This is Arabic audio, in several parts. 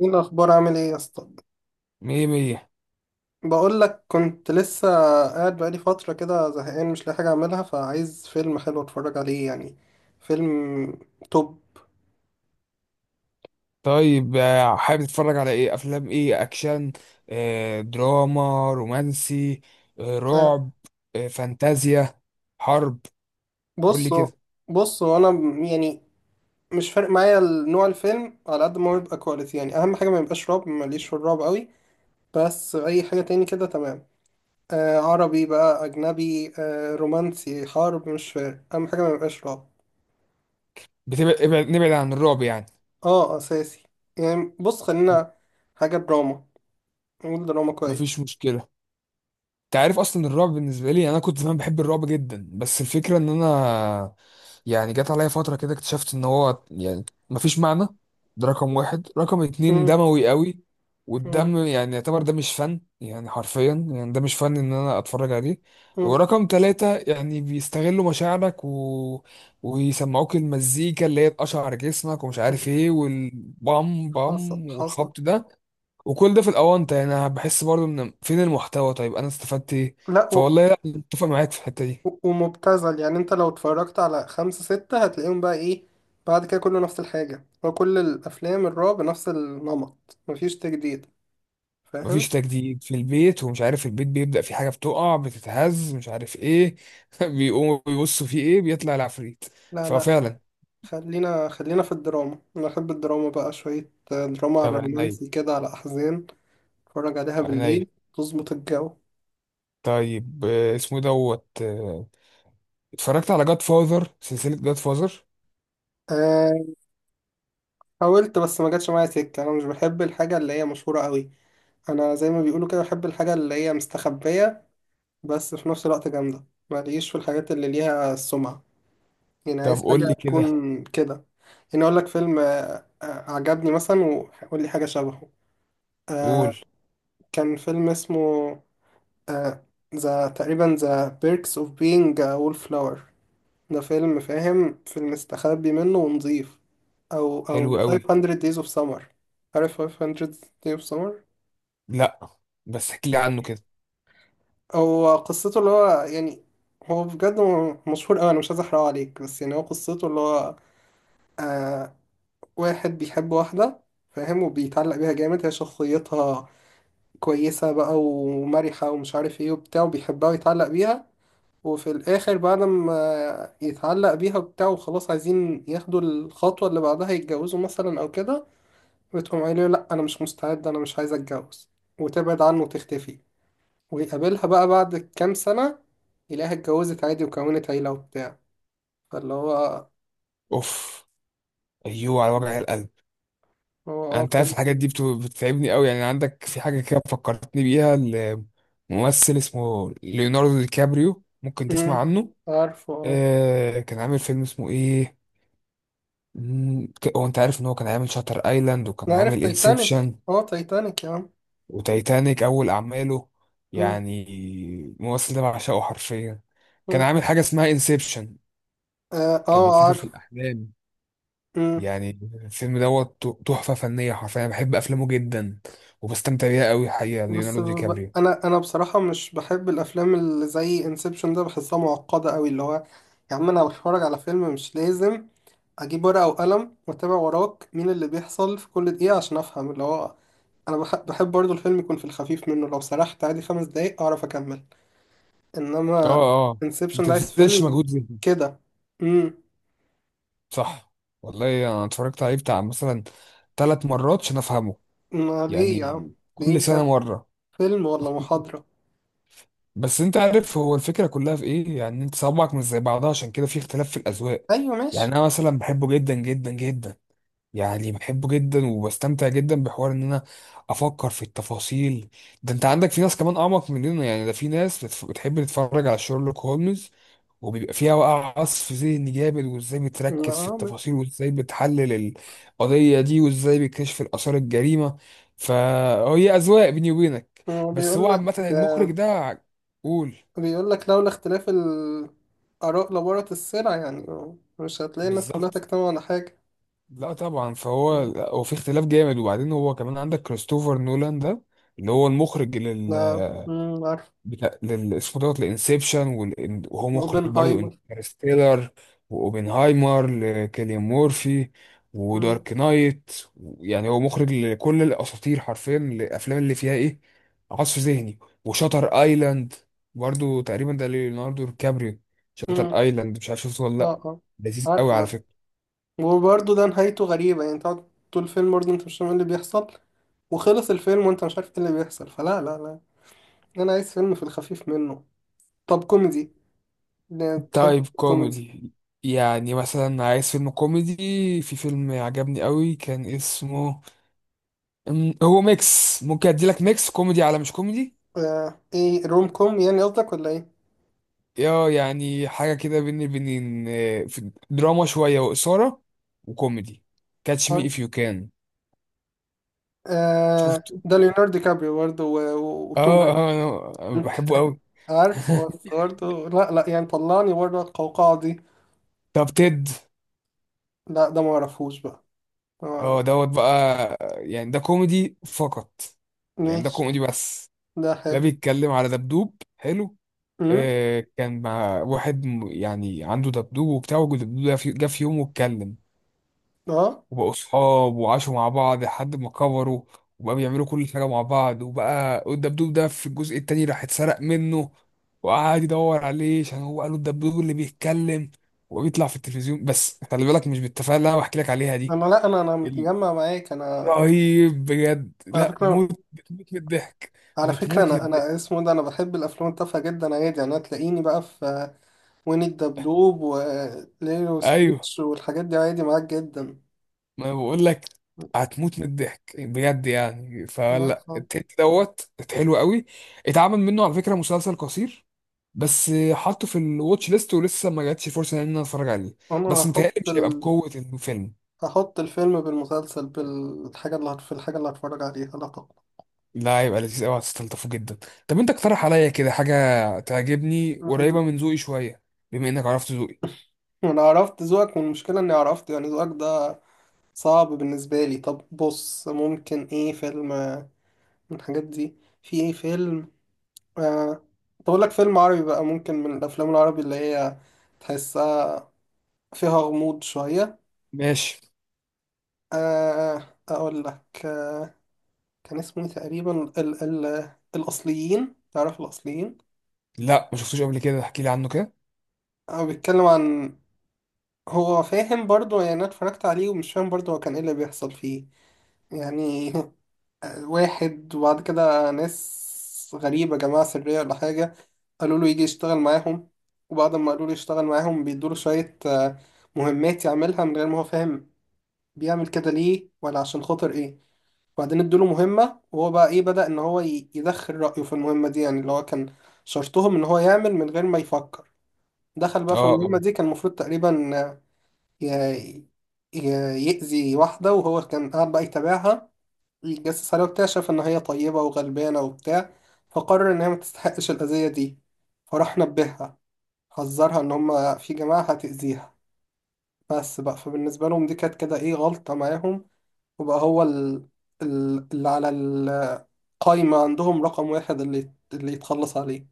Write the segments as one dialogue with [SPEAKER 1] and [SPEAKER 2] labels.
[SPEAKER 1] ايه الاخبار عامل ايه يا اسطى؟
[SPEAKER 2] مية مية.
[SPEAKER 1] بقول لك كنت لسه قاعد بقالي فتره كده زهقان مش لاقي حاجه اعملها، فعايز فيلم حلو اتفرج عليه يعني. فيلم توب.
[SPEAKER 2] طيب حابب تتفرج على ايه؟ افلام ايه؟ اكشن، دراما، رومانسي،
[SPEAKER 1] آه،
[SPEAKER 2] رعب، فانتازيا، حرب؟ قول
[SPEAKER 1] بص.
[SPEAKER 2] لي كده.
[SPEAKER 1] بص هو انا يعني مش فارق معايا نوع الفيلم على قد ما هو يبقى كواليتي، يعني اهم حاجه ما يبقاش رعب، ماليش في الرعب قوي. بس اي حاجه تاني كده تمام. آه عربي بقى اجنبي آه رومانسي حرب مش فارق، اهم حاجه ما يبقاش رعب.
[SPEAKER 2] بتبعد ابعد نبعد عن الرعب يعني.
[SPEAKER 1] اه اساسي. يعني بص خلينا حاجه دراما، والدراما كويس.
[SPEAKER 2] مفيش مشكلة. انت عارف اصلا الرعب بالنسبه لي، يعني انا كنت زمان بحب الرعب جدا، بس الفكره ان انا يعني جت عليا فتره كده اكتشفت ان هو يعني مفيش معنى. ده رقم واحد. رقم اتنين
[SPEAKER 1] مم،
[SPEAKER 2] دموي قوي،
[SPEAKER 1] مم،
[SPEAKER 2] والدم يعني يعتبر ده مش فن، يعني حرفيا يعني ده مش فن ان انا اتفرج عليه.
[SPEAKER 1] مم.
[SPEAKER 2] ورقم تلاتة يعني بيستغلوا مشاعرك ويسمعوك المزيكا اللي هي تقشعر جسمك ومش عارف ايه، والبام
[SPEAKER 1] حصل
[SPEAKER 2] بام
[SPEAKER 1] حصل.
[SPEAKER 2] والخبط ده، وكل ده في الاونطه. يعني انا بحس برضو ان فين المحتوى؟ طيب انا استفدت ايه؟
[SPEAKER 1] لا
[SPEAKER 2] فوالله لا، متفق معاك في الحته دي.
[SPEAKER 1] ومبتذل، يعني انت لو اتفرجت على خمسة ستة هتلاقيهم بقى ايه؟ بعد كده كله نفس الحاجة، هو كل الأفلام الرعب نفس النمط مفيش تجديد،
[SPEAKER 2] مفيش
[SPEAKER 1] فاهم؟
[SPEAKER 2] تجديد، في البيت ومش عارف، البيت بيبدأ في حاجه بتقع، بتتهز، مش عارف ايه. بيقوموا بيبصوا في ايه؟ بيطلع العفريت.
[SPEAKER 1] لا
[SPEAKER 2] ففعلا.
[SPEAKER 1] خلينا خلينا في الدراما، أنا أحب الدراما بقى، شوية دراما
[SPEAKER 2] طب
[SPEAKER 1] على
[SPEAKER 2] عينيا،
[SPEAKER 1] رومانسي كده على أحزان اتفرج عليها
[SPEAKER 2] عينيا.
[SPEAKER 1] بالليل تظبط الجو.
[SPEAKER 2] طيب اسمه إيه دوت اتفرجت على جاد فاذر، سلسله جاد فاذر.
[SPEAKER 1] أه... حاولت بس ما جاتش معايا سكة، أنا مش بحب الحاجة اللي هي مشهورة قوي. انا زي ما بيقولوا كده بحب الحاجه اللي هي مستخبيه بس في نفس الوقت جامده، ماليش في الحاجات اللي ليها سمعه. يعني
[SPEAKER 2] طب
[SPEAKER 1] عايز حاجه
[SPEAKER 2] قول لي كده.
[SPEAKER 1] تكون كده. يعني اقول لك فيلم عجبني مثلا، وقول لي حاجه شبهه. آه،
[SPEAKER 2] قول.
[SPEAKER 1] كان فيلم اسمه آه ذا تقريبا، ذا بيركس اوف بينج وول فلاور. ده فيلم، فاهم؟ فيلم مستخبي منه ونظيف. او
[SPEAKER 2] حلو
[SPEAKER 1] او
[SPEAKER 2] قوي.
[SPEAKER 1] 500 days of summer. عارف 500 days of summer؟
[SPEAKER 2] لا، بس احكي لي عنه كده.
[SPEAKER 1] هو قصته اللي هو يعني، هو بجد مشهور أوي، أنا مش عايز أحرقه عليك بس يعني هو قصته اللي هو آه، واحد بيحب واحدة، فاهم؟ وبيتعلق بيها جامد، هي شخصيتها كويسة بقى ومرحة ومش عارف ايه وبتاع، وبيحبها ويتعلق بيها. وفي الآخر بعد ما يتعلق بيها وبتاع وخلاص عايزين ياخدوا الخطوة اللي بعدها يتجوزوا مثلا أو كده، بتقوم قايله لأ أنا مش مستعد، أنا مش عايز أتجوز، وتبعد عنه وتختفي. ويقابلها بقى بعد كام سنة يلاقيها اتجوزت عادي وكونت عيلة وبتاع. فاللي هو،
[SPEAKER 2] اوف، ايوه، على وجع القلب.
[SPEAKER 1] هو اه
[SPEAKER 2] انت عارف
[SPEAKER 1] فيلم.
[SPEAKER 2] الحاجات دي بتتعبني قوي. يعني عندك في حاجه كده فكرتني بيها. الممثل اسمه ليوناردو دي كابريو، ممكن
[SPEAKER 1] مم.
[SPEAKER 2] تسمع عنه.
[SPEAKER 1] عارفه اه.
[SPEAKER 2] كان عامل فيلم اسمه ايه؟ هو انت عارف ان هو كان عامل شاتر ايلاند، وكان
[SPEAKER 1] أنا عارف
[SPEAKER 2] عامل
[SPEAKER 1] تايتانيك،
[SPEAKER 2] انسبشن
[SPEAKER 1] اه تايتانيك يا عم.
[SPEAKER 2] وتايتانيك؟ اول اعماله
[SPEAKER 1] مم.
[SPEAKER 2] يعني. الممثل ده بعشقه حرفيا. كان
[SPEAKER 1] مم.
[SPEAKER 2] عامل حاجه اسمها انسبشن،
[SPEAKER 1] اه
[SPEAKER 2] كان بيسافر في
[SPEAKER 1] عارف.
[SPEAKER 2] الاحلام
[SPEAKER 1] مم.
[SPEAKER 2] يعني. الفيلم دوت تحفه فنيه حرفيا، أنا بحب افلامه جدا، وبستمتع بيها قوي الحقيقه.
[SPEAKER 1] بس
[SPEAKER 2] ليوناردو دي كابريو.
[SPEAKER 1] انا بصراحة مش بحب الافلام اللي زي انسبشن، ده بحسها معقدة قوي، اللي هو يا عم انا بتفرج على فيلم مش لازم اجيب ورقة وقلم واتابع وراك مين اللي بيحصل في كل دقيقة عشان افهم. اللي هو انا بحب برضو الفيلم يكون في الخفيف منه، لو سرحت عادي خمس دقايق اعرف اكمل. انما
[SPEAKER 2] اه، اه. ما
[SPEAKER 1] انسبشن ده عايز
[SPEAKER 2] تبذلش
[SPEAKER 1] فيلم
[SPEAKER 2] مجهود ذهني،
[SPEAKER 1] كده. امم.
[SPEAKER 2] صح. والله انا اتفرجت عليه بتاع مثلا 3 مرات عشان افهمه.
[SPEAKER 1] ما ليه يا
[SPEAKER 2] يعني
[SPEAKER 1] عم؟ ليه
[SPEAKER 2] كل سنه
[SPEAKER 1] بجد؟
[SPEAKER 2] مره.
[SPEAKER 1] فيلم ولا محاضرة؟
[SPEAKER 2] بس انت عارف هو الفكره كلها في ايه؟ يعني انت صوابعك مش زي بعضها، عشان كده في اختلاف في الاذواق.
[SPEAKER 1] ايوه ماشي.
[SPEAKER 2] يعني انا مثلا بحبه جدا جدا جدا، يعني بحبه جدا وبستمتع جدا بحوار ان انا افكر في التفاصيل. ده انت عندك في ناس كمان اعمق مننا، يعني ده في ناس بتحب تتفرج على شيرلوك هولمز، وبيبقى فيها بقى عصف ذهني جامد، وازاي بتركز في
[SPEAKER 1] آه،
[SPEAKER 2] التفاصيل، وازاي بتحلل القضية دي، وازاي بيكشف الآثار الجريمة. فهي أذواق، بيني وبينك.
[SPEAKER 1] ما هو
[SPEAKER 2] بس
[SPEAKER 1] بيقول
[SPEAKER 2] هو
[SPEAKER 1] لك،
[SPEAKER 2] عامة المخرج ده قول.
[SPEAKER 1] بيقول لك لولا اختلاف الاراء لبارت السلع، يعني مش هتلاقي الناس كلها
[SPEAKER 2] بالظبط.
[SPEAKER 1] تجتمع على حاجة.
[SPEAKER 2] لا طبعا، فهو هو في اختلاف جامد. وبعدين هو كمان عندك كريستوفر نولان ده اللي هو المخرج
[SPEAKER 1] لا عارف.
[SPEAKER 2] بتاع اسمه دوت الانسبشن. وهو مخرج برضو
[SPEAKER 1] اوبنهايمر.
[SPEAKER 2] انترستيلر، واوبنهايمر لكيليان مورفي،
[SPEAKER 1] امم.
[SPEAKER 2] ودارك نايت. يعني هو مخرج لكل الاساطير حرفيا، الافلام اللي فيها ايه؟ عصف ذهني. وشاتر ايلاند برضو تقريبا ده ليوناردو ديكابريو. شاتر
[SPEAKER 1] امم.
[SPEAKER 2] ايلاند مش عارف شفته ولا
[SPEAKER 1] اه
[SPEAKER 2] لا؟
[SPEAKER 1] اه
[SPEAKER 2] لذيذ
[SPEAKER 1] عارف.
[SPEAKER 2] قوي على فكره.
[SPEAKER 1] وبرضه ده نهايته غريبة، يعني تقعد طول الفيلم برضه انت مش فاهم ايه اللي بيحصل، وخلص الفيلم وانت مش عارف ايه اللي بيحصل، فلا لا لا، انا عايز فيلم في الخفيف منه. طب كوميدي؟ لا، تحب
[SPEAKER 2] تايب
[SPEAKER 1] كوميدي؟
[SPEAKER 2] كوميدي؟ يعني مثلا عايز فيلم كوميدي. في فيلم عجبني قوي كان اسمه هو ميكس، ممكن ادي لك ميكس كوميدي على مش كوميدي.
[SPEAKER 1] آه، ايه روم كوم يعني قصدك ولا ايه؟
[SPEAKER 2] اه، يعني حاجه كده بين البنين في دراما شويه، واثاره، وكوميدي. كاتش مي
[SPEAKER 1] طيب.
[SPEAKER 2] اف يو كان.
[SPEAKER 1] آه
[SPEAKER 2] شفته.
[SPEAKER 1] ده ليوناردو دي كابريو برضه وتوم
[SPEAKER 2] اه،
[SPEAKER 1] هانكس.
[SPEAKER 2] اه، أنا
[SPEAKER 1] انت
[SPEAKER 2] بحبه قوي.
[SPEAKER 1] عارف هو برضه؟ لا لا يعني طلعني بره القوقعة دي.
[SPEAKER 2] طب تيد؟
[SPEAKER 1] لا ده ما اعرفوش بقى. آه،
[SPEAKER 2] اه دوت بقى، يعني ده كوميدي فقط، يعني ده
[SPEAKER 1] ماشي.
[SPEAKER 2] كوميدي بس.
[SPEAKER 1] ده
[SPEAKER 2] ده
[SPEAKER 1] حلو.
[SPEAKER 2] بيتكلم على دبدوب حلو.
[SPEAKER 1] امم.
[SPEAKER 2] كان مع واحد يعني عنده دبدوب وبتاع، والدبدوب ده جه في يوم واتكلم،
[SPEAKER 1] اه
[SPEAKER 2] وبقوا صحاب وعاشوا مع بعض لحد ما كبروا، وبقى بيعملوا كل حاجة مع بعض. وبقى الدبدوب ده في الجزء التاني راح اتسرق منه، وقعد يدور عليه عشان هو قالوا الدبدوب اللي بيتكلم، وبيطلع في التلفزيون. بس خلي بالك مش بالتفاهة اللي انا بحكي لك عليها دي.
[SPEAKER 1] انا، لا انا انا
[SPEAKER 2] ال-
[SPEAKER 1] متجمع معاك انا.
[SPEAKER 2] رهيب بجد،
[SPEAKER 1] على
[SPEAKER 2] لا
[SPEAKER 1] فكرة،
[SPEAKER 2] موت، بتموت من الضحك.
[SPEAKER 1] على فكرة
[SPEAKER 2] بتموت من
[SPEAKER 1] أنا
[SPEAKER 2] الضحك.
[SPEAKER 1] اسمه ده، أنا بحب الأفلام التافهة جدا عادي، يعني هتلاقيني بقى في وين الدبدوب وليلو
[SPEAKER 2] ايوه،
[SPEAKER 1] وستيتش والحاجات دي عادي معاك جدا.
[SPEAKER 2] ما أنا بقول لك هتموت من الضحك بجد. يعني
[SPEAKER 1] لا
[SPEAKER 2] فلا
[SPEAKER 1] خالص.
[SPEAKER 2] التيت دوت حلو قوي. اتعمل منه على فكرة مسلسل قصير، بس حاطه في الواتش ليست، ولسه ما جاتش فرصه ان انا اتفرج عليه.
[SPEAKER 1] أنا
[SPEAKER 2] بس متهيألي مش هيبقى بقوه الفيلم.
[SPEAKER 1] هحط الفيلم بالمسلسل بالحاجة اللي في الحاجة اللي هتفرج عليها. لا طبعا.
[SPEAKER 2] لا، هيبقى لذيذ قوي، هتستلطفه جدا. طب انت اقترح عليا كده حاجه تعجبني، قريبه من ذوقي شويه، بما انك عرفت ذوقي.
[SPEAKER 1] أنا عرفت ذوقك والمشكلة إني عرفت يعني ذوقك ده صعب بالنسبة لي. طب بص ممكن إيه فيلم من الحاجات دي؟ في إيه فيلم؟ آه، تقول لك فيلم عربي بقى، ممكن من الافلام العربي اللي هي تحسها فيها غموض شويه.
[SPEAKER 2] ماشي.
[SPEAKER 1] اقول لك كان اسمه إيه تقريبا ال ال الاصليين، تعرف الاصليين؟
[SPEAKER 2] لا ما شفتوش قبل كده، احكي لي عنه كده.
[SPEAKER 1] هو بيتكلم عن، هو فاهم برضو يعني، انا اتفرجت عليه ومش فاهم برضو هو كان ايه اللي بيحصل فيه يعني. واحد، وبعد كده ناس غريبة جماعة سرية ولا حاجة قالوا له يجي يشتغل معاهم، وبعد ما قالوا له يشتغل معاهم بيدوله شوية مهمات يعملها من غير ما هو فاهم بيعمل كده ليه ولا عشان خاطر ايه. وبعدين ادوله مهمة وهو بقى ايه بدأ ان هو يدخل رأيه في المهمة دي، يعني اللي هو كان شرطهم ان هو يعمل من غير ما يفكر. دخل بقى في
[SPEAKER 2] اه،
[SPEAKER 1] المهمة
[SPEAKER 2] اه.
[SPEAKER 1] دي، كان المفروض تقريبا ي- ي- يأذي واحدة، وهو كان قاعد بقى يتابعها الجاسوس عليها واكتشف إن هي طيبة وغلبانة وبتاع، فقرر إن هي ما تستحقش الأذية دي، فراح نبهها، حذرها إن هما في جماعة هتأذيها. بس بقى فبالنسبة لهم دي كانت كده إيه غلطة معاهم. وبقى هو اللي على القايمة عندهم رقم واحد، اللي يتخلص عليه،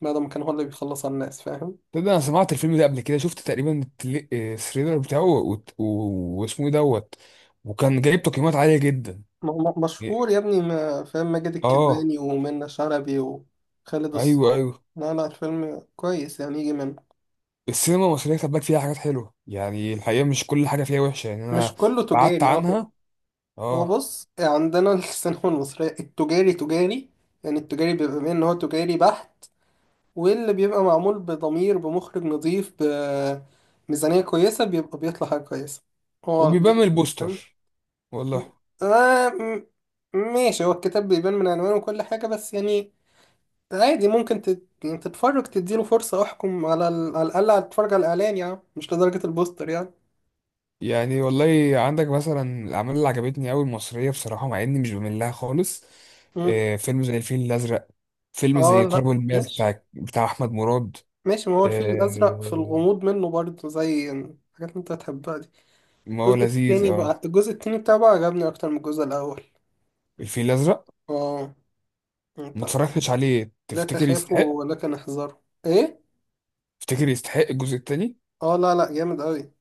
[SPEAKER 1] ما دام كان هو اللي بيخلص على الناس، فاهم؟
[SPEAKER 2] تبدأ. انا سمعت الفيلم ده قبل كده، شفت تقريبا التريلر بتاعه، واسمه ايه دوت. وكان جايب تقييمات عاليه جدا.
[SPEAKER 1] م- مشهور يا ابني، فاهم، ماجد
[SPEAKER 2] اه،
[SPEAKER 1] الكدواني ومنة شلبي وخالد
[SPEAKER 2] ايوه،
[SPEAKER 1] الصاوي.
[SPEAKER 2] ايوه.
[SPEAKER 1] لا الفيلم كويس يعني يجي منه.
[SPEAKER 2] السينما المصرية خد بالك فيها حاجات حلوة، يعني الحقيقة مش كل حاجة فيها وحشة. يعني
[SPEAKER 1] مش
[SPEAKER 2] أنا
[SPEAKER 1] كله
[SPEAKER 2] بعدت
[SPEAKER 1] تجاري اه.
[SPEAKER 2] عنها.
[SPEAKER 1] هو
[SPEAKER 2] اه.
[SPEAKER 1] بص عندنا السينما المصرية التجاري تجاري، يعني التجاري بيبقى بين ان هو تجاري بحت، واللي بيبقى معمول بضمير بمخرج نظيف بميزانية كويسة بيبقى بيطلع حاجة كويسة، هو دي.
[SPEAKER 2] وبيبان من البوستر، والله.
[SPEAKER 1] آه ماشي، هو الكتاب بيبان من عنوانه وكل حاجة بس يعني عادي ممكن يعني تتفرج تديله فرصة، احكم على على الأقل هتتفرج على الإعلان، يعني مش لدرجة البوستر يعني.
[SPEAKER 2] يعني والله عندك مثلا الأعمال اللي عجبتني أوي المصرية، بصراحة مع إني مش بميل لها خالص.
[SPEAKER 1] مم.
[SPEAKER 2] فيلم زي الفيل الأزرق، فيلم
[SPEAKER 1] اه
[SPEAKER 2] زي
[SPEAKER 1] لا
[SPEAKER 2] تراب الماس
[SPEAKER 1] ماشي.
[SPEAKER 2] بتاع أحمد مراد.
[SPEAKER 1] ماشي ما هو الفيل الأزرق في
[SPEAKER 2] آه
[SPEAKER 1] الغموض منه برضه زي الحاجات اللي أنت هتحبها دي.
[SPEAKER 2] ما هو
[SPEAKER 1] الجزء
[SPEAKER 2] لذيذ،
[SPEAKER 1] التاني
[SPEAKER 2] اه.
[SPEAKER 1] بقى، الجزء التاني بتاعه بقى عجبني أكتر من الجزء الأول.
[SPEAKER 2] الفيل الأزرق
[SPEAKER 1] اه.
[SPEAKER 2] ما
[SPEAKER 1] أنت،
[SPEAKER 2] اتفرجتش عليه،
[SPEAKER 1] لا
[SPEAKER 2] تفتكر يستحق؟
[SPEAKER 1] تخافوا ولكن احذروا. إيه؟
[SPEAKER 2] تفتكر يستحق الجزء التاني؟
[SPEAKER 1] اه لا لا جامد أوي،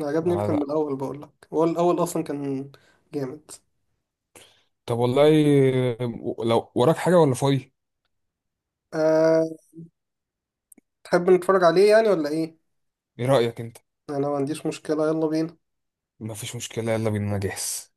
[SPEAKER 1] عجبني أكتر من
[SPEAKER 2] لا.
[SPEAKER 1] الأول، بقولك هو الأول أصلا كان جامد.
[SPEAKER 2] طب والله، لو وراك حاجة ولا فاضي؟
[SPEAKER 1] أه. تحب نتفرج عليه يعني ولا إيه؟
[SPEAKER 2] ايه رأيك انت؟
[SPEAKER 1] أنا ما عنديش مشكلة، يلا بينا.
[SPEAKER 2] مفيش مشكلة، يلا بينا، انا جاهز.